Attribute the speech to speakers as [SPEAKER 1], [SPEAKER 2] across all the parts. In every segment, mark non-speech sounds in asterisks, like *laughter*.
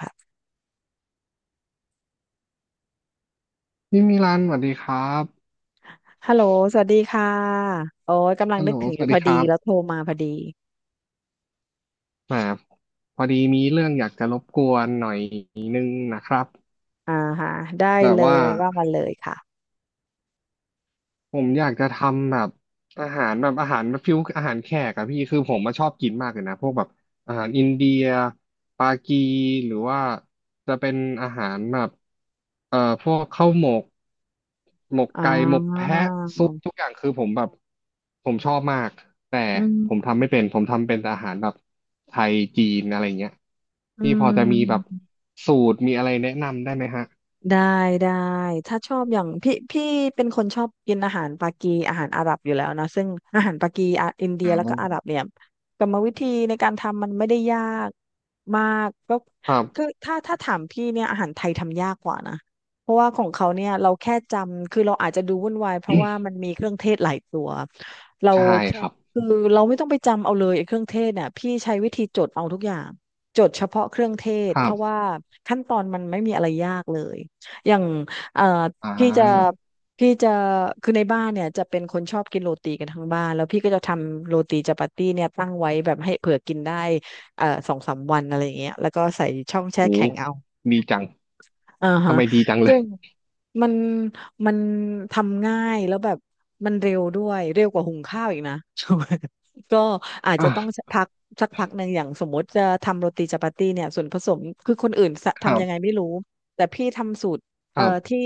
[SPEAKER 1] ค่ะ
[SPEAKER 2] พี่มิลันสวัสดีครับ
[SPEAKER 1] ฮัลโหลสวัสดีค่ะโอ้ยกำลัง
[SPEAKER 2] ฮัล
[SPEAKER 1] นึ
[SPEAKER 2] โหล
[SPEAKER 1] กถึง
[SPEAKER 2] ส
[SPEAKER 1] อยู่
[SPEAKER 2] วัส
[SPEAKER 1] พ
[SPEAKER 2] ดี
[SPEAKER 1] อ
[SPEAKER 2] ค
[SPEAKER 1] ดี
[SPEAKER 2] รั
[SPEAKER 1] แล้วโทร
[SPEAKER 2] บ
[SPEAKER 1] มาพอดี
[SPEAKER 2] แหมพอดีมีเรื่องอยากจะรบกวนหน่อยครับ
[SPEAKER 1] อ่าฮะได้
[SPEAKER 2] แบบ
[SPEAKER 1] เล
[SPEAKER 2] ว่า
[SPEAKER 1] ยว่ามาเลยค่ะ
[SPEAKER 2] ผมอยากจะทำแบบอาหารแบบอาหารฟิวอาหารแขกอะพี่คือผมมาชอบกินมากเลยนะพวกแบบอาหารอินเดียปากีหรือว่าจะเป็นอาหารแบบเอ่อพวกข้าวหมกหมก
[SPEAKER 1] อ่
[SPEAKER 2] ไก่หมก
[SPEAKER 1] า
[SPEAKER 2] แพะซุปทุกอย่างคือผมแบบผมชอบมากแต่
[SPEAKER 1] อื
[SPEAKER 2] ผมทำ
[SPEAKER 1] ม
[SPEAKER 2] ไม่เป็นผมทำเป็นแต่อาหารแบบไทยจีนอะไรเงี้ย
[SPEAKER 1] อื
[SPEAKER 2] พี่พอจะมีแบบ
[SPEAKER 1] ม
[SPEAKER 2] สูตรมีอะไรแนะนำได้ไหมฮะ
[SPEAKER 1] ได้ได้ถ้าชอบอย่างพี่เป็นคนชอบกินอาหารปากีอาหารอาหรับอยู่แล้วนะซึ่งอาหารปากีอะอินเดี
[SPEAKER 2] อ
[SPEAKER 1] ยแล้วก็อาห
[SPEAKER 2] ่า
[SPEAKER 1] รับเนี่ยกรรมวิธีในการทำมันไม่ได้ยากมากก็
[SPEAKER 2] ครั
[SPEAKER 1] คือ
[SPEAKER 2] บ
[SPEAKER 1] ถ้าถามพี่เนี่ยอาหารไทยทำยากกว่านะเพราะว่าของเขาเนี่ยเราแค่จำคือเราอาจจะดูวุ่นวายเพราะว่ามันมีเครื่องเทศหลายตัวเรา
[SPEAKER 2] ใช่
[SPEAKER 1] แค่
[SPEAKER 2] ครับ
[SPEAKER 1] คือเราไม่ต้องไปจำเอาเลยไอ้เครื่องเทศเนี่ยพี่ใช้วิธีจดเอาทุกอย่างจดเฉพาะเครื่องเทศ
[SPEAKER 2] ค
[SPEAKER 1] เพ
[SPEAKER 2] รั
[SPEAKER 1] ราะ
[SPEAKER 2] บ
[SPEAKER 1] ว่าขั้นตอนมันไม่มีอะไรยากเลย อย่างเอ่อ
[SPEAKER 2] อ่
[SPEAKER 1] พี่จะ
[SPEAKER 2] า
[SPEAKER 1] พี่จะคือในบ้านเนี่ยจะเป็นคนชอบกินโรตีกันทั้งบ้าน แล้วพี่ก็จะทำโรตีจาปาตี้เนี่ยตั้งไว้แบบให้เผื่อกินได้สองสามวันอะไรอย่างเงี้ยแล้วก็ใส่ช่องแช่
[SPEAKER 2] โอ้
[SPEAKER 1] แข็งเอา
[SPEAKER 2] ดีจัง
[SPEAKER 1] อ่า
[SPEAKER 2] ทำ
[SPEAKER 1] ฮะ
[SPEAKER 2] ไมดีจังเล
[SPEAKER 1] ซึ่
[SPEAKER 2] ย
[SPEAKER 1] งมันมันทำง่ายแล้วแบบมันเร็วด้วยเร็วกว่าหุงข้าวอีกนะ *laughs* ก็อาจจะต้องสัก
[SPEAKER 2] อ่ะ
[SPEAKER 1] พักสักพักหนึ่งอย่างสมมติจะทำโรตีจัปาตี้เนี่ยส่วนผสมคือคนอื่นสะ
[SPEAKER 2] ครั
[SPEAKER 1] ทำยังไง
[SPEAKER 2] บ
[SPEAKER 1] ไม่รู้แต่พี่ทำสูตร
[SPEAKER 2] ครับ
[SPEAKER 1] ที่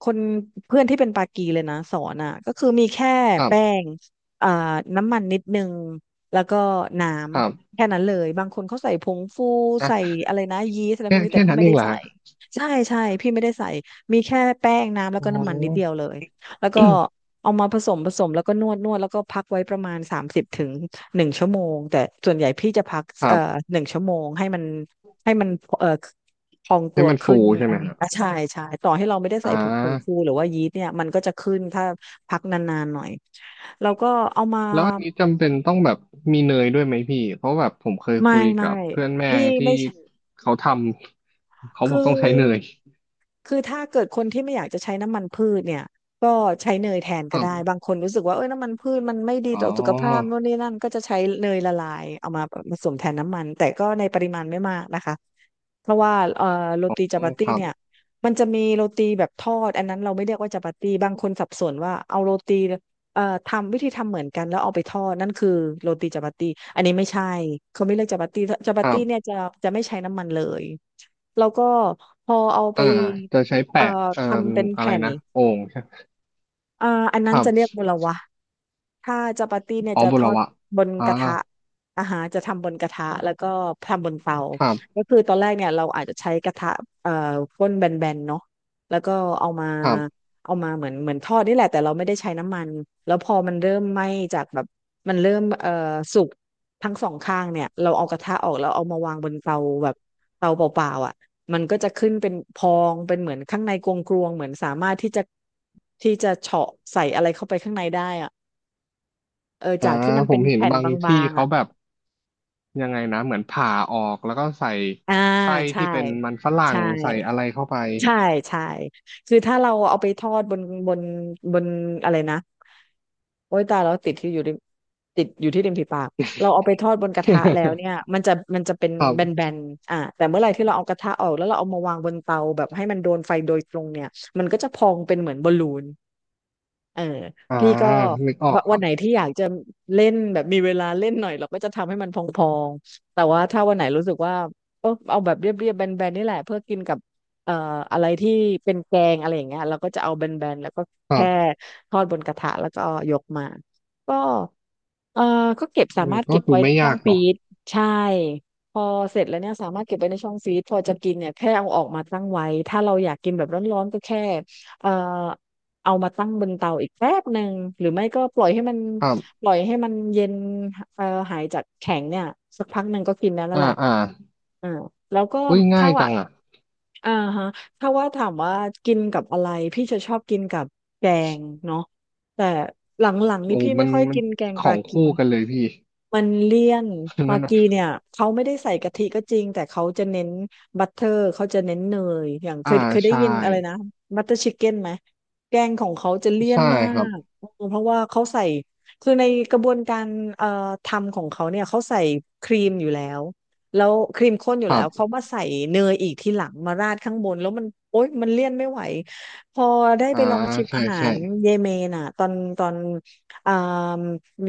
[SPEAKER 1] คนเพื่อนที่เป็นปากีเลยนะสอนอ่ะก็คือมีแค่
[SPEAKER 2] ครั
[SPEAKER 1] แป้
[SPEAKER 2] บ
[SPEAKER 1] งอ่าน้ำมันนิดนึงแล้วก็น้
[SPEAKER 2] ครั
[SPEAKER 1] ำ
[SPEAKER 2] บ
[SPEAKER 1] แค่นั้นเลยบางคนเขาใส่ผงฟูใส่
[SPEAKER 2] อ่ะ
[SPEAKER 1] อะไรนะยีสต์อะไรพ
[SPEAKER 2] แค่
[SPEAKER 1] วกนี้แต่
[SPEAKER 2] แค่
[SPEAKER 1] พี่
[SPEAKER 2] นั้น
[SPEAKER 1] ไม่
[SPEAKER 2] เอง
[SPEAKER 1] ได้
[SPEAKER 2] เหรอ
[SPEAKER 1] ใส่
[SPEAKER 2] ฮะ
[SPEAKER 1] ใช่ใช่พี่ไม่ได้ใส่มีแค่แป้งน้ำแล้ว
[SPEAKER 2] อ๋
[SPEAKER 1] ก็
[SPEAKER 2] อ
[SPEAKER 1] น้ำมันนิดเดียวเลยแล้วก็
[SPEAKER 2] *coughs*
[SPEAKER 1] เอามาผสมผสมแล้วก็นวดนวดแล้วก็พักไว้ประมาณ30ถึงหนึ่งชั่วโมงแต่ส่วนใหญ่พี่จะพัก
[SPEAKER 2] ครับ
[SPEAKER 1] หนึ่งชั่วโมงให้มันเอ่อพอง
[SPEAKER 2] ให้
[SPEAKER 1] ตัว
[SPEAKER 2] มัน
[SPEAKER 1] ขึ้
[SPEAKER 2] ฟู
[SPEAKER 1] น
[SPEAKER 2] ใช่
[SPEAKER 1] อั
[SPEAKER 2] ไหม
[SPEAKER 1] นนี้
[SPEAKER 2] ฮะ
[SPEAKER 1] อ่ะใช่ใช่ต่อให้เราไม่ได้
[SPEAKER 2] อ่
[SPEAKER 1] ใส่ผงฟู
[SPEAKER 2] า
[SPEAKER 1] หรือว่ายีสต์เนี่ยมันก็จะขึ้นถ้าพักนานๆหน่อยแล้วก็เอามา
[SPEAKER 2] แล้วอันนี้จำเป็นต้องแบบมีเนยด้วยไหมพี่เพราะแบบผมเคย
[SPEAKER 1] ไม่
[SPEAKER 2] คุย
[SPEAKER 1] ไม่
[SPEAKER 2] กับเพื่อนแม่
[SPEAKER 1] พี่
[SPEAKER 2] ที่
[SPEAKER 1] ไม่
[SPEAKER 2] เขาทำเขาบ
[SPEAKER 1] คือ
[SPEAKER 2] อกต้องใช้เนย
[SPEAKER 1] คือถ้าเกิดคนที่ไม่อยากจะใช้น้ำมันพืชเนี่ยก็ใช้เนยแทน
[SPEAKER 2] ค
[SPEAKER 1] ก็
[SPEAKER 2] รั
[SPEAKER 1] ได้
[SPEAKER 2] บ
[SPEAKER 1] บางคนรู้สึกว่าเอ้ยน้ำมันพืชมันไม่ดี
[SPEAKER 2] อ๋อ
[SPEAKER 1] ต่อสุขภาพโน่นนี่นั่นก็จะใช้เนยละลายเอามาผสมแทนน้ำมันแต่ก็ในปริมาณไม่มากนะคะเพราะว่าโร
[SPEAKER 2] อ๋อ
[SPEAKER 1] ตีจัปา
[SPEAKER 2] ค
[SPEAKER 1] ตี้
[SPEAKER 2] รับ
[SPEAKER 1] เนี่ยมันจะมีโรตีแบบทอดอันนั้นเราไม่เรียกว่าจัปาตี้บางคนสับสนว่าเอาโรตีทำวิธีทำเหมือนกันแล้วเอาไปทอดนั่นคือโรตีจัปาตี้อันนี้ไม่ใช่เขาไม่เรียกจัปาตี้จัปา
[SPEAKER 2] ครั
[SPEAKER 1] ตี้เนี่ย
[SPEAKER 2] บ
[SPEAKER 1] จะไม่ใช้น้ำมันเลย แล้วก็พอเอาไป
[SPEAKER 2] อ่าจะใช้
[SPEAKER 1] เอ่
[SPEAKER 2] แปะ
[SPEAKER 1] อ
[SPEAKER 2] เอ่อ
[SPEAKER 1] ทำเป็น
[SPEAKER 2] อะไร
[SPEAKER 1] แผ่น
[SPEAKER 2] นะโอ่งใช่
[SPEAKER 1] อ่าอัน
[SPEAKER 2] ค
[SPEAKER 1] นั้น
[SPEAKER 2] รับ
[SPEAKER 1] จะเรียกมลวะ ถ้าจาปาตี้เนี่ย
[SPEAKER 2] อ๋อ
[SPEAKER 1] จะ
[SPEAKER 2] บุ
[SPEAKER 1] ท
[SPEAKER 2] ร
[SPEAKER 1] อด
[SPEAKER 2] วะ
[SPEAKER 1] บน
[SPEAKER 2] อ่า
[SPEAKER 1] กระทะอาหารจะทำบนกระทะแล้วก็ทำบนเตา
[SPEAKER 2] ครับ
[SPEAKER 1] ก็คือตอนแรกเนี่ยเราอาจจะใช้กระทะเอ่อก้นแบนๆเนาะแล้วก็เอามา
[SPEAKER 2] ครับ
[SPEAKER 1] เอามาเหมือนทอดนี่แหละแต่เราไม่ได้ใช้น้ำมันแล้วพอมันเริ่มไหม้จากแบบมันเริ่มสุกทั้งสองข้างเนี่ยเราเอากระทะออกแล้วเอามาวางบนเตาแบบเตาเปล่าๆอ่ะมันก็จะขึ้นเป็นพองเป็นเหมือนข้างในกลวงๆเหมือนสามารถที่จะเฉาะใส่อะไรเข้าไปข้างในได้อะ เออ
[SPEAKER 2] อ่า
[SPEAKER 1] จากที่มัน
[SPEAKER 2] ผ
[SPEAKER 1] เป็
[SPEAKER 2] ม
[SPEAKER 1] น
[SPEAKER 2] เห็น
[SPEAKER 1] แผ่น
[SPEAKER 2] บาง
[SPEAKER 1] บา
[SPEAKER 2] ที่
[SPEAKER 1] งๆ
[SPEAKER 2] เขา
[SPEAKER 1] อ่ะ
[SPEAKER 2] แบบยังไงนะเหมือนผ่าออกแล้วก็ใส่
[SPEAKER 1] อ่า
[SPEAKER 2] ไส้
[SPEAKER 1] ใช่
[SPEAKER 2] ที่เป็นมันฝรั่ง
[SPEAKER 1] ใช่
[SPEAKER 2] ใส่อะไรเข้าไป
[SPEAKER 1] ใช่ใช่คือถ้าเราเอาไปทอดบนบนอะไรนะโอ้ยตายแล้วติดที่อยู่ริมติดอยู่ที่ริมฝีปากเราเอาไปทอดบนกระทะแล้วเนี่ยมันจะเป็น
[SPEAKER 2] *laughs* ครั
[SPEAKER 1] แบ
[SPEAKER 2] บ
[SPEAKER 1] นๆอ่าแต่เมื่อไหร่ที่เราเอากระทะออกแล้วเราเอามาวางบนเตาแบบให้มันโดนไฟโดยตรงเนี่ยมันก็จะพองเป็นเหมือนบอลลูนเออ
[SPEAKER 2] อ่า
[SPEAKER 1] พี่ก็
[SPEAKER 2] นึกออ
[SPEAKER 1] วะ
[SPEAKER 2] กค
[SPEAKER 1] วั
[SPEAKER 2] รั
[SPEAKER 1] นไหน
[SPEAKER 2] บ
[SPEAKER 1] ที่อยากจะเล่น พองๆแต่ว่าถ้าวันไหนรู้สึกว่าเออเอาแบบเรียบๆแบนๆนี่แหละเพื่อกินกับเอ่ออะไรที่เป็นแกงอะไรอย่างเงี้ยเราก็จะเอาแบนๆแล้วก็
[SPEAKER 2] ครั
[SPEAKER 1] แค่
[SPEAKER 2] บ
[SPEAKER 1] ทอดบนกระทะแล้วก็ยกมาก็ เอ่อก็เก็บสา
[SPEAKER 2] เออ
[SPEAKER 1] มารถ
[SPEAKER 2] ก็
[SPEAKER 1] เก็บ
[SPEAKER 2] ดู
[SPEAKER 1] ไว้ใน
[SPEAKER 2] ไม่
[SPEAKER 1] ช่อ
[SPEAKER 2] ยา
[SPEAKER 1] ง
[SPEAKER 2] ก
[SPEAKER 1] ฟ
[SPEAKER 2] เน
[SPEAKER 1] รี
[SPEAKER 2] อะ
[SPEAKER 1] ซใช่พอเสร็จแล้วเนี่ยสามารถเก็บไว้ในช่องฟรีซพอจะกินเนี่ยแค่เอาออกมาตั้งไว้ ถ้าเราอยากกินแบบร้อนๆก็แค่เอ่อเอามาตั้งบนเตาอีกแป๊บหนึ่งหรือไม่ก็
[SPEAKER 2] ครั
[SPEAKER 1] ป
[SPEAKER 2] บ
[SPEAKER 1] ล่อยให้มันเย็นเอ่อหายจากแข็งเนี่ยสักพักหนึ่งก็กินได้แล้ว
[SPEAKER 2] อ่า
[SPEAKER 1] แหละ
[SPEAKER 2] อ่า
[SPEAKER 1] อ่าแล้วก็
[SPEAKER 2] อุ้ยง่า
[SPEAKER 1] ถ้า
[SPEAKER 2] ย
[SPEAKER 1] ว่า
[SPEAKER 2] จังอ่ะ
[SPEAKER 1] อ่าฮะถ้าว่าถามว่ากินกับอะไรพี่จะชอบกินกับแกงเนาะแต่หลังๆนี่
[SPEAKER 2] โอ้
[SPEAKER 1] พี่
[SPEAKER 2] มั
[SPEAKER 1] ไม่
[SPEAKER 2] น
[SPEAKER 1] ค่อย
[SPEAKER 2] มัน
[SPEAKER 1] กินแกง
[SPEAKER 2] ข
[SPEAKER 1] ป
[SPEAKER 2] อ
[SPEAKER 1] ลา
[SPEAKER 2] ง
[SPEAKER 1] กี
[SPEAKER 2] คู่กันเลยพี่
[SPEAKER 1] มันเลี่ยน
[SPEAKER 2] *laughs*
[SPEAKER 1] มา
[SPEAKER 2] นั่นน่ะ
[SPEAKER 1] กีเนี่ยเขาไม่ได้ใส่กะทิก็จริงแต่เขาจะเน้นบัตเตอร์เขาจะเน้นเนยอย่าง
[SPEAKER 2] อ่า
[SPEAKER 1] เคยได้
[SPEAKER 2] ใช่
[SPEAKER 1] ยินอะไรนะบัตเตอร์ชิคเก้นไหมแกงของเขาจะเลี่ยน
[SPEAKER 2] ใช่
[SPEAKER 1] มา
[SPEAKER 2] ครับ
[SPEAKER 1] กเออเพราะว่าเขาใส่คือในกระบวนการเอ่อทำของเขาเนี่ยเขาใส่ครีมอยู่แล้วแล้วครีมข้นอ
[SPEAKER 2] ค
[SPEAKER 1] ยู่แล้
[SPEAKER 2] รั
[SPEAKER 1] วเขา
[SPEAKER 2] บ
[SPEAKER 1] มาใส่เนยอีกทีหลังมาราดข้างบนแล้วมันโอ๊ยมันเลี่ยนไม่ไหวพอได้
[SPEAKER 2] อ่า
[SPEAKER 1] ไปลองชิม
[SPEAKER 2] ใช่
[SPEAKER 1] อาหา
[SPEAKER 2] ใช่
[SPEAKER 1] รเยเมนอ่ะตอน อ่าม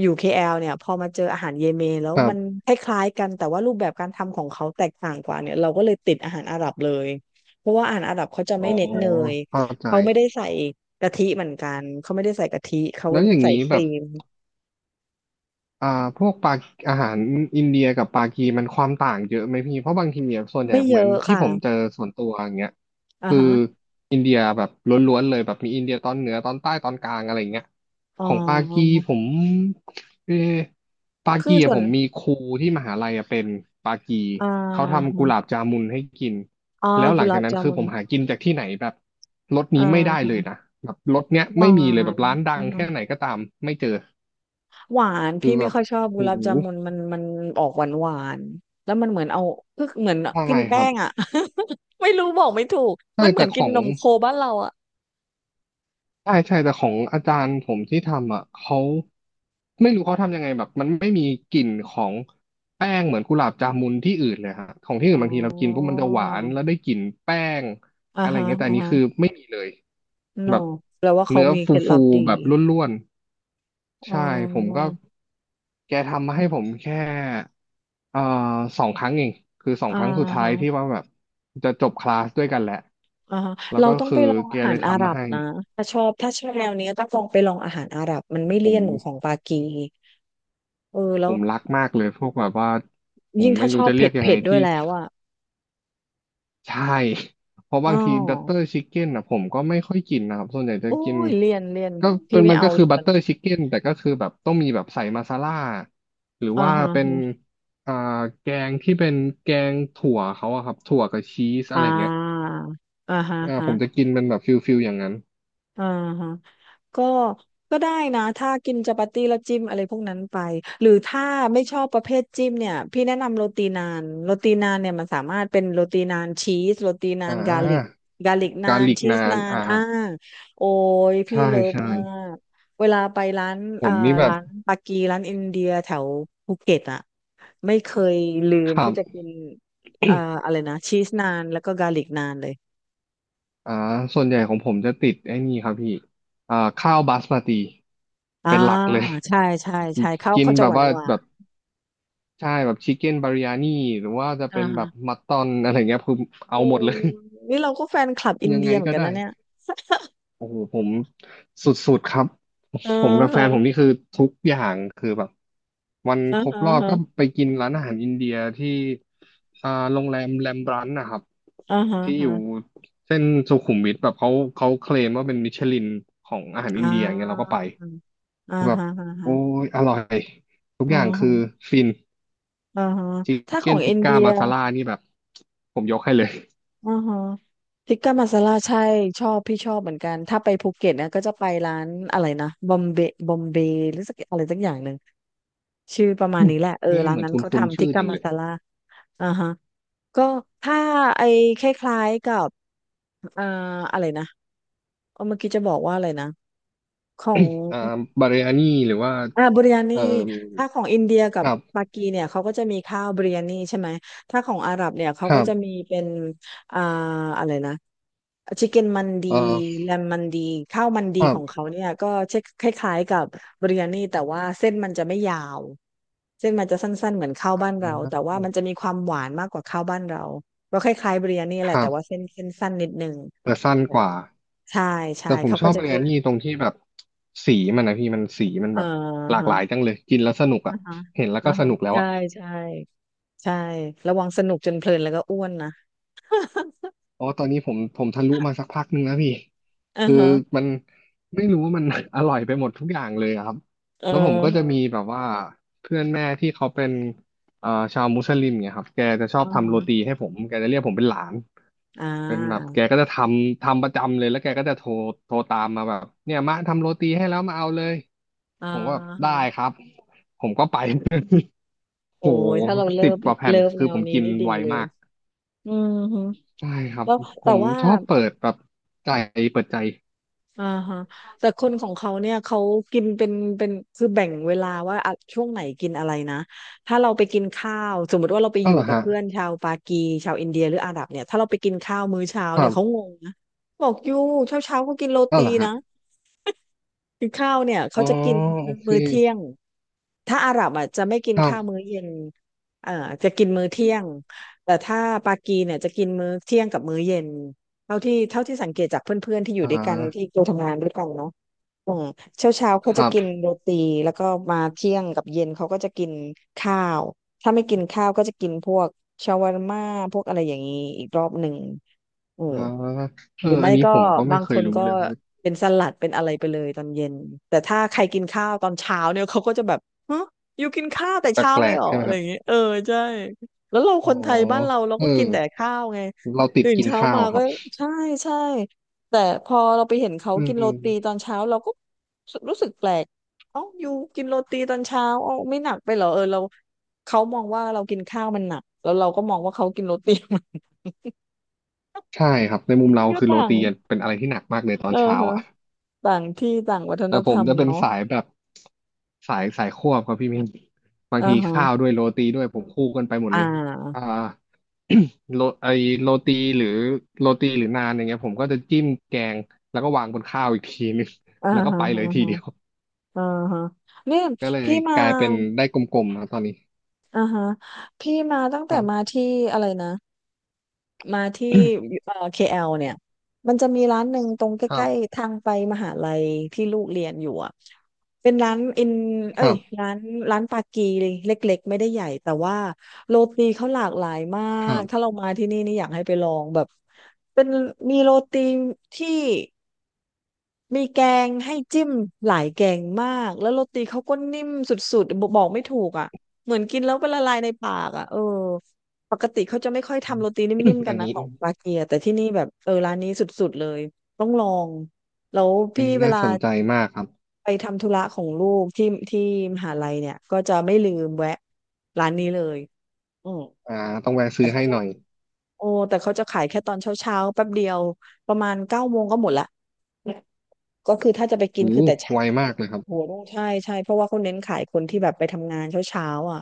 [SPEAKER 1] อยู่เคแอลเนี่ยพอมาเจออาหารเยเมนแล้ว
[SPEAKER 2] ครั
[SPEAKER 1] มัน
[SPEAKER 2] บ
[SPEAKER 1] คล้ายๆกันแต่ว่ารูปแบบการทำของเขาแตกต่างกว่าเนี่ยเราก็เลยติดอาหารอาหรับเลยเพราะว่าอาหารอาหรับเขาจะ
[SPEAKER 2] อ๋
[SPEAKER 1] ไม่
[SPEAKER 2] อ
[SPEAKER 1] เน้นเนย
[SPEAKER 2] เข้าใจ
[SPEAKER 1] เขาไม่ได้ใส่กะทิเหมือนกันเขาไม่ได้ใส่กะทิเขา
[SPEAKER 2] แล้วอย่าง
[SPEAKER 1] ใส่
[SPEAKER 2] นี้
[SPEAKER 1] ค
[SPEAKER 2] แบ
[SPEAKER 1] รี
[SPEAKER 2] บ
[SPEAKER 1] ม
[SPEAKER 2] อ่าพวกปาอาหารอินเดียกับปากีมันความต่างเยอะไหมพี่เพราะบางทีเนี่ยส่วนใหญ่
[SPEAKER 1] ไม่เย
[SPEAKER 2] เหมือน
[SPEAKER 1] อะ
[SPEAKER 2] ที่
[SPEAKER 1] ค่ะ
[SPEAKER 2] ผมเจอส่วนตัวอย่างเงี้ย
[SPEAKER 1] อ่า
[SPEAKER 2] คือ
[SPEAKER 1] ฮะ
[SPEAKER 2] อินเดียแบบล้วนๆเลยแบบมีอินเดียตอนเหนือตอนใต้ตอนกลางอะไรเงี้ย
[SPEAKER 1] อ๋อ
[SPEAKER 2] ของปากีผมเออปา
[SPEAKER 1] คื
[SPEAKER 2] กี
[SPEAKER 1] อส่
[SPEAKER 2] อะ
[SPEAKER 1] ว
[SPEAKER 2] ผ
[SPEAKER 1] น
[SPEAKER 2] มมีครูที่มหาลัยอะเป็นปากี
[SPEAKER 1] อ่า
[SPEAKER 2] เขาทำกุหลา
[SPEAKER 1] ฮะ
[SPEAKER 2] บจามุนให้กิน
[SPEAKER 1] อ๋อ
[SPEAKER 2] แล้วห
[SPEAKER 1] กุ
[SPEAKER 2] ลัง
[SPEAKER 1] หลา
[SPEAKER 2] จาก
[SPEAKER 1] บ
[SPEAKER 2] นั้น
[SPEAKER 1] จา
[SPEAKER 2] คือ
[SPEAKER 1] มุ
[SPEAKER 2] ผ
[SPEAKER 1] น
[SPEAKER 2] มหากินจากที่ไหนแบบรส
[SPEAKER 1] อ
[SPEAKER 2] นี้ไม่ได้
[SPEAKER 1] ่า
[SPEAKER 2] เลยนะแบบรสเนี้ย
[SPEAKER 1] ห
[SPEAKER 2] ไม่
[SPEAKER 1] วา
[SPEAKER 2] มีเลยแบบ
[SPEAKER 1] น
[SPEAKER 2] ร้านดังแค่ไหนก็ตามไม่เจอ
[SPEAKER 1] หวาน
[SPEAKER 2] คื
[SPEAKER 1] พี่
[SPEAKER 2] อแบ
[SPEAKER 1] ไม่
[SPEAKER 2] บ
[SPEAKER 1] ค่อยชอบ
[SPEAKER 2] โห
[SPEAKER 1] กุหลาบจามุนมันมันออกหวานหวานแล้วมันเหมือนเอาคือเหมือน
[SPEAKER 2] ใช่
[SPEAKER 1] กิน
[SPEAKER 2] ค
[SPEAKER 1] แป้
[SPEAKER 2] รับ
[SPEAKER 1] งอ่ะ *laughs* ไม่รู้บอกไม่ถูก
[SPEAKER 2] ใช่
[SPEAKER 1] มันเหมื
[SPEAKER 2] แต่
[SPEAKER 1] อน
[SPEAKER 2] ข
[SPEAKER 1] กิ
[SPEAKER 2] อ
[SPEAKER 1] น
[SPEAKER 2] ง
[SPEAKER 1] นมโคบ้านเราอ่ะ
[SPEAKER 2] ใช่ใช่แต่ของอาจารย์ผมที่ทำอ่ะเขาไม่รู้เขาทำยังไงแบบมันไม่มีกลิ่นของแป้งเหมือนกุหลาบจามุนที่อื่นเลยฮะของที่
[SPEAKER 1] อ๋
[SPEAKER 2] อื่นบางทีเรากินปุ๊บ
[SPEAKER 1] อ
[SPEAKER 2] มันจะหวานแล้วได้กลิ่นแป้ง
[SPEAKER 1] อ่า
[SPEAKER 2] อะไร
[SPEAKER 1] ฮะ
[SPEAKER 2] เงี้ยแต่อั
[SPEAKER 1] อ่า
[SPEAKER 2] นนี้
[SPEAKER 1] ฮะ
[SPEAKER 2] คือไม่มีเลย
[SPEAKER 1] no
[SPEAKER 2] แบบ
[SPEAKER 1] แปลว่าเขา
[SPEAKER 2] เนื้อ
[SPEAKER 1] มี
[SPEAKER 2] ฟ
[SPEAKER 1] เคล็ดลั
[SPEAKER 2] ู
[SPEAKER 1] บดี
[SPEAKER 2] ๆแบบร่วนๆ
[SPEAKER 1] อ๋อ
[SPEAKER 2] ใช่ผมก็แกทำมาให้ผมแค่ เอ่อสองครั้งเองคือสอง
[SPEAKER 1] อ่า
[SPEAKER 2] ครั้งสุดท้ายที่
[SPEAKER 1] ฮะ
[SPEAKER 2] ว่าแบบจะจบคลาสด้วยกันแหละ
[SPEAKER 1] อ่าฮะ
[SPEAKER 2] แล้ว
[SPEAKER 1] เรา
[SPEAKER 2] ก็
[SPEAKER 1] ต้อง
[SPEAKER 2] คื
[SPEAKER 1] ไป
[SPEAKER 2] อ
[SPEAKER 1] ลอง
[SPEAKER 2] แก
[SPEAKER 1] อาหา
[SPEAKER 2] เล
[SPEAKER 1] ร
[SPEAKER 2] ย
[SPEAKER 1] อาห
[SPEAKER 2] ทำ
[SPEAKER 1] รั
[SPEAKER 2] มา
[SPEAKER 1] บ
[SPEAKER 2] ให้
[SPEAKER 1] นะถ้าชอบแนวนี้ต้องลองไปลองอาหารอาหรับมันไม่
[SPEAKER 2] ผ
[SPEAKER 1] เลี่ยนเหมือนของ
[SPEAKER 2] ม
[SPEAKER 1] ปากีเออแล้
[SPEAKER 2] ผ
[SPEAKER 1] ว
[SPEAKER 2] มรักมากเลยพวกแบบว่าผม
[SPEAKER 1] ยิ่ง
[SPEAKER 2] ไม่
[SPEAKER 1] ถ้าช
[SPEAKER 2] รู้
[SPEAKER 1] อบ
[SPEAKER 2] จะเรี
[SPEAKER 1] เผ็
[SPEAKER 2] ย
[SPEAKER 1] ด
[SPEAKER 2] กยัง
[SPEAKER 1] เผ็
[SPEAKER 2] ไง
[SPEAKER 1] ดด้ว
[SPEAKER 2] ที่
[SPEAKER 1] ยแล้วอ่ะ
[SPEAKER 2] ใช่ *laughs* เพราะ
[SPEAKER 1] อ๋อ
[SPEAKER 2] บางทีบัตเตอร์ชิคเก้นอ่ะผมก็ไม่ค่อยกินนะครับส่วนใหญ่จะ
[SPEAKER 1] โอ้
[SPEAKER 2] กิน
[SPEAKER 1] ยเรียน
[SPEAKER 2] ก็เป็
[SPEAKER 1] พี่
[SPEAKER 2] น
[SPEAKER 1] ไม่
[SPEAKER 2] มัน
[SPEAKER 1] เอา
[SPEAKER 2] ก็คือ
[SPEAKER 1] เรี
[SPEAKER 2] บั
[SPEAKER 1] ย
[SPEAKER 2] ต
[SPEAKER 1] น
[SPEAKER 2] เตอร์ชิคเก้นแต่ก็คือแบบต้องมีแบบใส่มาซาล่าหรือ
[SPEAKER 1] อ่า
[SPEAKER 2] ว่า
[SPEAKER 1] ฮะ
[SPEAKER 2] เป็น
[SPEAKER 1] ฮะ
[SPEAKER 2] อ่าแกงที่เป็นแกงถั่วเขาอะครับถั่วกับชีสอะ
[SPEAKER 1] อ่
[SPEAKER 2] ไรเงี้ย
[SPEAKER 1] าอ่าฮะ
[SPEAKER 2] อ่า
[SPEAKER 1] ฮะ
[SPEAKER 2] ผมจะกินเป็นแบบฟิลฟิลอย่างนั้น
[SPEAKER 1] อ่าฮะ ก็ก็ได้นะ ถ้ากินจัปาตี้แล้วจิ้มอะไรพวกนั้นไป หรือถ้าไม่ชอบประเภทจิ้มเนี่ย พี่แนะนำโรตีนานเนี่ยมันสามารถเป็นโรตีนานชีสโรตีนา
[SPEAKER 2] อ่
[SPEAKER 1] นกาลิก
[SPEAKER 2] า
[SPEAKER 1] กาลิกนา
[SPEAKER 2] การ
[SPEAKER 1] น
[SPEAKER 2] หลีก
[SPEAKER 1] ชีส
[SPEAKER 2] นาน
[SPEAKER 1] นาน
[SPEAKER 2] อ่า
[SPEAKER 1] อ่าโอ้ยพี่
[SPEAKER 2] ใช่
[SPEAKER 1] เลิฟ
[SPEAKER 2] ใช่
[SPEAKER 1] มาก เวลาไปร้าน
[SPEAKER 2] ผ
[SPEAKER 1] อ่า
[SPEAKER 2] มนี่แบบ
[SPEAKER 1] ร้านปากีร้านอินเดียแถวภูเก็ตอะไม่เคยลื
[SPEAKER 2] ค
[SPEAKER 1] ม
[SPEAKER 2] รั
[SPEAKER 1] ที่
[SPEAKER 2] บ
[SPEAKER 1] จะกินอ่าอะไรนะชีสนานแล้วก็กาลิกนานเลย
[SPEAKER 2] อ่าส่วนใหญ่ของผมจะติดไอ้นี่ครับพี่อ่าข้าวบาสมาติ
[SPEAKER 1] อ่า
[SPEAKER 2] เป็นหลักเลย
[SPEAKER 1] ใช่ใช่ใช่เขา
[SPEAKER 2] *laughs* กิน
[SPEAKER 1] จะ
[SPEAKER 2] แบ
[SPEAKER 1] ห
[SPEAKER 2] บ
[SPEAKER 1] วาน
[SPEAKER 2] ว่า
[SPEAKER 1] หวา
[SPEAKER 2] แบ
[SPEAKER 1] น
[SPEAKER 2] บใช่แบบชิคเก้นบาริยานี่หรือว่าจะ
[SPEAKER 1] อ่า
[SPEAKER 2] เป็นแบ
[SPEAKER 1] ฮะ
[SPEAKER 2] บมัตตอนอะไรเงี้ยคือ
[SPEAKER 1] โอ้
[SPEAKER 2] เอาหมดเลย
[SPEAKER 1] นี่เราก็แฟนคลับอิ
[SPEAKER 2] *laughs*
[SPEAKER 1] น
[SPEAKER 2] ยัง
[SPEAKER 1] เดี
[SPEAKER 2] ไง
[SPEAKER 1] ยเหมือน
[SPEAKER 2] ก็
[SPEAKER 1] กัน
[SPEAKER 2] ได้
[SPEAKER 1] นะเนี่ย
[SPEAKER 2] โอ้โหผมสุดๆครับ
[SPEAKER 1] อ่า
[SPEAKER 2] ผมกับแฟนผมนี่
[SPEAKER 1] ฮะ
[SPEAKER 2] คือทุกอย่างคือแบบวัน
[SPEAKER 1] อ่า
[SPEAKER 2] ครบรอบ
[SPEAKER 1] ฮะ
[SPEAKER 2] ก็ไปกินร้านอาหารอินเดียที่อ่าโรงแรมแรมบรันนะครับ
[SPEAKER 1] อ่าฮะ
[SPEAKER 2] ที่
[SPEAKER 1] อ่า
[SPEAKER 2] อยู่
[SPEAKER 1] ฮะ
[SPEAKER 2] เส้นสุขุมวิทแบบเขาเขาเคลมว่าเป็นมิชลินของอาหารอิ
[SPEAKER 1] อ่
[SPEAKER 2] นเดียอย่างเงี้ยเราก็
[SPEAKER 1] า
[SPEAKER 2] ไป
[SPEAKER 1] อ่า
[SPEAKER 2] คือแบบ
[SPEAKER 1] ฮะอ่า
[SPEAKER 2] โอ้
[SPEAKER 1] ฮะ
[SPEAKER 2] ยอร่อยทุก
[SPEAKER 1] อ่า
[SPEAKER 2] อย่างคื
[SPEAKER 1] ฮะ
[SPEAKER 2] อฟิน
[SPEAKER 1] อ่าฮะ
[SPEAKER 2] ชิค
[SPEAKER 1] ถ้าขอ
[SPEAKER 2] เก้น
[SPEAKER 1] ง
[SPEAKER 2] ติ
[SPEAKER 1] อิ
[SPEAKER 2] ก
[SPEAKER 1] นเดี
[SPEAKER 2] ก้า
[SPEAKER 1] ย
[SPEAKER 2] มาซาล่านี่แบบผมยกให้เลย
[SPEAKER 1] อ่าฮะทิกกามาซาลาใช่ชอบพี่ชอบเหมือนกัน ถ้าไปภูเก็ตนะก็จะไปร้านอะไรนะบอมเบย์บอมเบย์หรือสักอะไรสักอย่างหนึ่งชื่อประมาณนี้แหละเออ
[SPEAKER 2] นี่
[SPEAKER 1] ร้า
[SPEAKER 2] เห
[SPEAKER 1] น
[SPEAKER 2] มือน
[SPEAKER 1] นั้น
[SPEAKER 2] ค
[SPEAKER 1] เขา
[SPEAKER 2] ุ้นๆ
[SPEAKER 1] ทำทิ
[SPEAKER 2] ชื่
[SPEAKER 1] ก
[SPEAKER 2] อ
[SPEAKER 1] กา
[SPEAKER 2] จัง
[SPEAKER 1] มา
[SPEAKER 2] เลย
[SPEAKER 1] ซาลาอ่าฮะ ก็ถ้าไอ้คล้ายๆกับอ่าอะไรนะเออเมื่อกี้จะบอกว่าอะไรนะของ
[SPEAKER 2] อ่าบาเรอานี่หรือว่า
[SPEAKER 1] อ่าบิริยานี
[SPEAKER 2] เอ่อ
[SPEAKER 1] ถ้าของอินเดียกับ
[SPEAKER 2] ครับ
[SPEAKER 1] ปากีเนี่ยเขาก็จะมีข้าวบิริยานีใช่ไหมถ้าของอาหรับเนี่ยเขา
[SPEAKER 2] ครั
[SPEAKER 1] ก็จะมี
[SPEAKER 2] บ
[SPEAKER 1] เป็นอ่าอะไรนะชิคเก้นมันดี
[SPEAKER 2] เอ่อ
[SPEAKER 1] แลมมันดีข้าวมันดี
[SPEAKER 2] ครั
[SPEAKER 1] ของ
[SPEAKER 2] บ
[SPEAKER 1] เขาเนี่ยก็เช่นคล้ายๆกับบิริยานีแต่ว่าเส้นมันจะไม่ยาวเส้นมันจะสั้นๆเหมือนข้าวบ้านเราแต่ว่ามันจะมีความหวานมากกว่าข้าวบ้านเราก็คล้ายๆบิริยานี
[SPEAKER 2] ค
[SPEAKER 1] แหละ
[SPEAKER 2] รั
[SPEAKER 1] แต่
[SPEAKER 2] บ
[SPEAKER 1] ว่าเส้นสั้นนิดนึง
[SPEAKER 2] แต่สั้น
[SPEAKER 1] เออ
[SPEAKER 2] กว่า
[SPEAKER 1] ใช่ใช่
[SPEAKER 2] แต่ผม
[SPEAKER 1] เขา
[SPEAKER 2] ช
[SPEAKER 1] ก็
[SPEAKER 2] อบ
[SPEAKER 1] จะ
[SPEAKER 2] มัน
[SPEAKER 1] เรี
[SPEAKER 2] งา
[SPEAKER 1] ย
[SPEAKER 2] น
[SPEAKER 1] ก
[SPEAKER 2] นี่ตรงที่แบบสีมันนะพี่มันสีมัน
[SPEAKER 1] เอ่อ
[SPEAKER 2] แบบหลาก
[SPEAKER 1] ฮะ
[SPEAKER 2] หลายจังเลยกินแล้วสนุก
[SPEAKER 1] อ่า
[SPEAKER 2] อ่ะ
[SPEAKER 1] ฮะ
[SPEAKER 2] เห็นแล้ว
[SPEAKER 1] อ่า
[SPEAKER 2] ก็ส
[SPEAKER 1] ฮะ
[SPEAKER 2] นุกแล้ว
[SPEAKER 1] ใช่
[SPEAKER 2] อ่ะ
[SPEAKER 1] ใช่ ใช่ระวังสนุกจนเพลินแล้วก็อ้วนนะ *laughs*
[SPEAKER 2] อ๋อตอนนี้ผมผมทะลุมาสักพักหนึ่งแล้วพี่
[SPEAKER 1] อือ
[SPEAKER 2] คือ
[SPEAKER 1] ฮะ
[SPEAKER 2] มันไม่รู้ว่ามัน *laughs* อร่อยไปหมดทุกอย่างเลยอะครับ
[SPEAKER 1] เออ
[SPEAKER 2] แล้วผมก็จะมี
[SPEAKER 1] ฮะ
[SPEAKER 2] แบบว่าเพื่อนแม่ที่เขาเป็นชาวมุสลิมเนี่ยครับแกจะชอบ
[SPEAKER 1] อือ
[SPEAKER 2] ทำ
[SPEAKER 1] ฮะ
[SPEAKER 2] โรตีให้ผมแกจะเรียกผมเป็นหลาน
[SPEAKER 1] อ่
[SPEAKER 2] เป็นแบบ
[SPEAKER 1] า
[SPEAKER 2] แกก็จะทำประจำเลยแล้วแกก็จะโทรตามมาแบบเนี่ยมาทำโรตีให้แล้วมาเอาเลย
[SPEAKER 1] อ่า
[SPEAKER 2] ผมก็แบบได้
[SPEAKER 1] ฮะ
[SPEAKER 2] ครับผมก็ไป *laughs*
[SPEAKER 1] โอ้
[SPEAKER 2] โโห
[SPEAKER 1] ยถ้าเราเลิ
[SPEAKER 2] สิบ
[SPEAKER 1] ฟ
[SPEAKER 2] กว่าแผ่น
[SPEAKER 1] แน
[SPEAKER 2] คือ
[SPEAKER 1] ว
[SPEAKER 2] ผม
[SPEAKER 1] นี้
[SPEAKER 2] กิน
[SPEAKER 1] นี่ดี
[SPEAKER 2] ไว
[SPEAKER 1] เลย
[SPEAKER 2] มาก
[SPEAKER 1] อืมฮึ
[SPEAKER 2] ใช่ครับ
[SPEAKER 1] แล้ว
[SPEAKER 2] ผ
[SPEAKER 1] แต่
[SPEAKER 2] ม
[SPEAKER 1] ว่า
[SPEAKER 2] ชอบเปิดแบบใจเปิดใจ
[SPEAKER 1] อ่าฮะแต่คนของเขาเนี่ยเขากินเป็นคือแบ่งเวลาว่าอ่ะช่วงไหนกินอะไรนะถ้าเราไปกินข้าวสมมติว่าเราไปอ
[SPEAKER 2] ก็
[SPEAKER 1] ยู่
[SPEAKER 2] เหรอ
[SPEAKER 1] กับ
[SPEAKER 2] ฮะ
[SPEAKER 1] เพื่อนชาวปากีชาวอินเดียหรืออาหรับเนี่ยถ้าเราไปกินข้าวมื้อเช้า
[SPEAKER 2] ครั
[SPEAKER 1] เนี่ยเขาง
[SPEAKER 2] บ
[SPEAKER 1] งนะบอกอยู่เช้าเช้าก็กินโร
[SPEAKER 2] ก็
[SPEAKER 1] ตี
[SPEAKER 2] เหรอ
[SPEAKER 1] นะ
[SPEAKER 2] ฮะ
[SPEAKER 1] กินข้าวเนี่ย
[SPEAKER 2] อ๋
[SPEAKER 1] เขา
[SPEAKER 2] อ
[SPEAKER 1] จะกิน
[SPEAKER 2] โอเค
[SPEAKER 1] มื้อเที่ยง ถ้าอาหรับอ่ะจะไม่กิน
[SPEAKER 2] ครับ
[SPEAKER 1] ข้าวมื้อเย็นเอ่อจะกินมื้อเที่ยงแต่ถ้าปากีเนี่ยจะกินมื้อเที่ยงกับมื้อเย็นเท่าที่สังเกตจากเพื่อนๆที่อยู่
[SPEAKER 2] อ่
[SPEAKER 1] ด้วยกันที่
[SPEAKER 2] า
[SPEAKER 1] เคยทำงานด้วยกันเนาะ อืมเช้าเช้าเขา
[SPEAKER 2] ค
[SPEAKER 1] จะ
[SPEAKER 2] รับ
[SPEAKER 1] กินโรตีแล้วก็มาเที่ยงกับเย็นเขาก็จะกินข้าวถ้าไม่กินข้าวก็จะกินพวกชาวาร์ม่าพวกอะไรอย่างนี้อีกรอบหนึ่งอื
[SPEAKER 2] อ่า
[SPEAKER 1] ม
[SPEAKER 2] เอ
[SPEAKER 1] ห
[SPEAKER 2] อ
[SPEAKER 1] รือไม่
[SPEAKER 2] อันนี้
[SPEAKER 1] ก็
[SPEAKER 2] ผมก็ไม่
[SPEAKER 1] บาง
[SPEAKER 2] เค
[SPEAKER 1] ค
[SPEAKER 2] ย
[SPEAKER 1] น
[SPEAKER 2] รู้
[SPEAKER 1] ก็
[SPEAKER 2] เลย
[SPEAKER 1] เป็นสลัดเป็นอะไรไปเลยตอนเย็นแต่ถ้าใครกินข้าวตอนเช้าเนี่ยเขาก็จะแบบฮะอยู่กินข้าวแต่
[SPEAKER 2] แป
[SPEAKER 1] เช้า
[SPEAKER 2] ล
[SPEAKER 1] เลย
[SPEAKER 2] ก
[SPEAKER 1] เหร
[SPEAKER 2] ๆ
[SPEAKER 1] อ
[SPEAKER 2] ใช่ไหม
[SPEAKER 1] อะไรอ
[SPEAKER 2] ฮะ
[SPEAKER 1] ย่างเงี้ยเออใช่แล้วเรา
[SPEAKER 2] อ๋
[SPEAKER 1] ค
[SPEAKER 2] อ
[SPEAKER 1] นไทยบ้านเราเรา
[SPEAKER 2] เออ
[SPEAKER 1] ก็กินแต่ข้าวไง
[SPEAKER 2] เราติด
[SPEAKER 1] ตื่น
[SPEAKER 2] กิน
[SPEAKER 1] เช้า
[SPEAKER 2] ข้าว
[SPEAKER 1] มา
[SPEAKER 2] ค
[SPEAKER 1] ก็
[SPEAKER 2] รับ
[SPEAKER 1] ใช่ใช่ แต่พอเราไปเห็นเขา
[SPEAKER 2] อื
[SPEAKER 1] กินโรตีตอ
[SPEAKER 2] ม
[SPEAKER 1] นเช้าเราก็รู้สึกแปลกเอ้าอยู่กินโรตีตอนเช้าเอ้าไม่หนักไปเหรอเออเราเขามองว่าเรากินข้าวมันหนักแล้วเราก็มองว่าเขากินโรตี *laughs*
[SPEAKER 2] ใช่ครับในมุม
[SPEAKER 1] มั
[SPEAKER 2] เรา
[SPEAKER 1] นก็
[SPEAKER 2] คือโร
[SPEAKER 1] ต่าง
[SPEAKER 2] ตีเป็นอะไรที่หนักมากเลยตอ
[SPEAKER 1] เอ
[SPEAKER 2] น
[SPEAKER 1] อ
[SPEAKER 2] เช้า
[SPEAKER 1] ฮะ
[SPEAKER 2] อ่ะ
[SPEAKER 1] ต่างที่ต่างวัฒน
[SPEAKER 2] แต่
[SPEAKER 1] ธ
[SPEAKER 2] ผ
[SPEAKER 1] ร
[SPEAKER 2] ม
[SPEAKER 1] รม
[SPEAKER 2] จะเป็น
[SPEAKER 1] เนาะ
[SPEAKER 2] สายแบบสายควบครับพี่มินบาง
[SPEAKER 1] อ่า
[SPEAKER 2] ทีข้าว
[SPEAKER 1] ฮะ
[SPEAKER 2] ด้วยโรตีด้วยผมคู่กันไปหมด
[SPEAKER 1] อ่
[SPEAKER 2] เลยอ่า
[SPEAKER 1] า
[SPEAKER 2] *coughs* โรไอโรตีหรือโรตีหรือนานอย่างเงี้ยผมก็จะจิ้มแกงแล้วก็วางบนข้าวอีกทีนึง
[SPEAKER 1] อ่า
[SPEAKER 2] *laughs* แล้วก็
[SPEAKER 1] ฮะ
[SPEAKER 2] ไปเลย
[SPEAKER 1] อ่า
[SPEAKER 2] ที
[SPEAKER 1] ฮะ
[SPEAKER 2] เดียว
[SPEAKER 1] อ่าฮะเนี่ย
[SPEAKER 2] ก็เลย
[SPEAKER 1] พี่มา
[SPEAKER 2] กลายเป็นได้กลมๆนะตอนนี้
[SPEAKER 1] อ่าฮะพี่มาตั้ง
[SPEAKER 2] ค
[SPEAKER 1] แต่
[SPEAKER 2] รั
[SPEAKER 1] มา
[SPEAKER 2] บ
[SPEAKER 1] ที่อะไรนะ มาที่KL เนี่ยมันจะมีร้านหนึ่งตรงใก
[SPEAKER 2] ครั
[SPEAKER 1] ล้
[SPEAKER 2] บ
[SPEAKER 1] ๆทางไปมหาลัยที่ลูกเรียนอยู่อ่ะเป็นร้านอิน
[SPEAKER 2] ค
[SPEAKER 1] เอ้
[SPEAKER 2] รั
[SPEAKER 1] ย
[SPEAKER 2] บ
[SPEAKER 1] ร้านปากีเลยเล็กๆไม่ได้ใหญ่แต่ว่าโรตีเขาหลากหลายมา
[SPEAKER 2] ครั
[SPEAKER 1] กถ้าเรา
[SPEAKER 2] บ
[SPEAKER 1] มาที่นี่นี่อยากให้ไปลองแบบเป็นมีโรตีที่ มีแกงให้จิ้มหลายแกงมากแล้วโรตีเขาก็นิ่มสุดๆบอกไม่ถูกอ่ะเหมือนกินแล้วเป็นละลายในปากอ่ะเออปกติเขาจะไม่ค่อย
[SPEAKER 2] อื
[SPEAKER 1] ทำ
[SPEAKER 2] ม
[SPEAKER 1] โรตีนิ่มๆ
[SPEAKER 2] *coughs*
[SPEAKER 1] กั
[SPEAKER 2] อั
[SPEAKER 1] น
[SPEAKER 2] น
[SPEAKER 1] นะ
[SPEAKER 2] นี้
[SPEAKER 1] ของปาเกียแต่ที่นี่แบบเออร้านนี้สุดๆเลยต้องลองแล้ว
[SPEAKER 2] อัน
[SPEAKER 1] พี่
[SPEAKER 2] นี้
[SPEAKER 1] เว
[SPEAKER 2] น่า
[SPEAKER 1] ลา
[SPEAKER 2] สนใจมากครับ
[SPEAKER 1] ไปทำธุระของลูกที่มหาลัยเนี่ยก็จะไม่ลืมแวะร้านนี้เลยอืม
[SPEAKER 2] อ่าต้องแวะ
[SPEAKER 1] แต่
[SPEAKER 2] ซื้อ
[SPEAKER 1] เขา
[SPEAKER 2] ให้
[SPEAKER 1] จะ
[SPEAKER 2] หน่อย
[SPEAKER 1] โอ้แต่เขาจะขายแค่ตอนเช้าๆแป๊บเดียวประมาณเก้าโมงก็หมดละก็คือถ้าจะไปกิน
[SPEAKER 2] โอ้
[SPEAKER 1] คือแต่เช้า
[SPEAKER 2] ไวมากเลยครั
[SPEAKER 1] โห
[SPEAKER 2] บ
[SPEAKER 1] ใช่ใช่เพราะว่าเขาเน้นขายคนที่แบบไปทำงานเช้าเช้าอ่ะ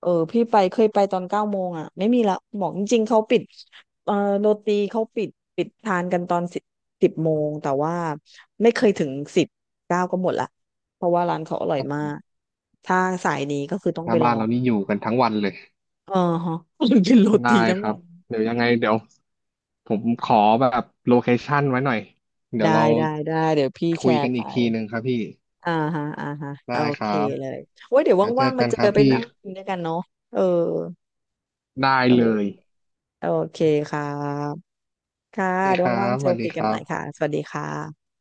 [SPEAKER 1] เออพี่ไปเคยไปตอนเก้าโมงอ่ะไม่มีละบอกจริงๆเขาปิดเออโรตีเขาปิดปิดทานกันตอนสิบโมงแต่ว่าไม่เคยถึงสิบเก้าก็หมดละเพราะว่าร้านเขาอร่อยมากถ้าสายนี้ก็คือต้อง
[SPEAKER 2] ห
[SPEAKER 1] ไป
[SPEAKER 2] น้า
[SPEAKER 1] ล
[SPEAKER 2] บ้า
[SPEAKER 1] อ
[SPEAKER 2] นเรา
[SPEAKER 1] ง
[SPEAKER 2] นี่อยู่กันทั้งวันเลย
[SPEAKER 1] เออฮะ *laughs* กินโร
[SPEAKER 2] ได้
[SPEAKER 1] ตีทั้ง
[SPEAKER 2] ครั
[SPEAKER 1] วั
[SPEAKER 2] บ
[SPEAKER 1] น
[SPEAKER 2] เดี๋ยวยังไงเดี๋ยวผมขอแบบโลเคชั่นไว้หน่อยเดี๋ยว
[SPEAKER 1] ได้
[SPEAKER 2] เรา
[SPEAKER 1] ได้ได้เดี๋ยวพี่แช
[SPEAKER 2] คุยกั
[SPEAKER 1] ร์
[SPEAKER 2] น
[SPEAKER 1] ไป
[SPEAKER 2] อีกทีหนึ่งครับพี่
[SPEAKER 1] อ่าฮะอ่าฮะโอ
[SPEAKER 2] ได้ค
[SPEAKER 1] เค
[SPEAKER 2] รับ
[SPEAKER 1] เลยโอ้ยเดี๋ยว
[SPEAKER 2] เดี๋ยวเจ
[SPEAKER 1] ว่า
[SPEAKER 2] อ
[SPEAKER 1] งๆมา
[SPEAKER 2] กัน
[SPEAKER 1] เจ
[SPEAKER 2] ค
[SPEAKER 1] อ
[SPEAKER 2] รับ
[SPEAKER 1] ไป
[SPEAKER 2] พี่
[SPEAKER 1] นั่งกินด้วยกันเนาะเออ
[SPEAKER 2] ได้
[SPEAKER 1] เออ
[SPEAKER 2] เลย
[SPEAKER 1] โอเคครับค่ะ
[SPEAKER 2] โอเค
[SPEAKER 1] เดี๋
[SPEAKER 2] ค
[SPEAKER 1] ยว
[SPEAKER 2] รั
[SPEAKER 1] ว่าง
[SPEAKER 2] บ
[SPEAKER 1] ๆเจ
[SPEAKER 2] ส
[SPEAKER 1] อ
[SPEAKER 2] วัสดี
[SPEAKER 1] คุย
[SPEAKER 2] ค
[SPEAKER 1] กัน
[SPEAKER 2] รั
[SPEAKER 1] ใหม่ค่ะ
[SPEAKER 2] บ
[SPEAKER 1] สวัสดีค่ะ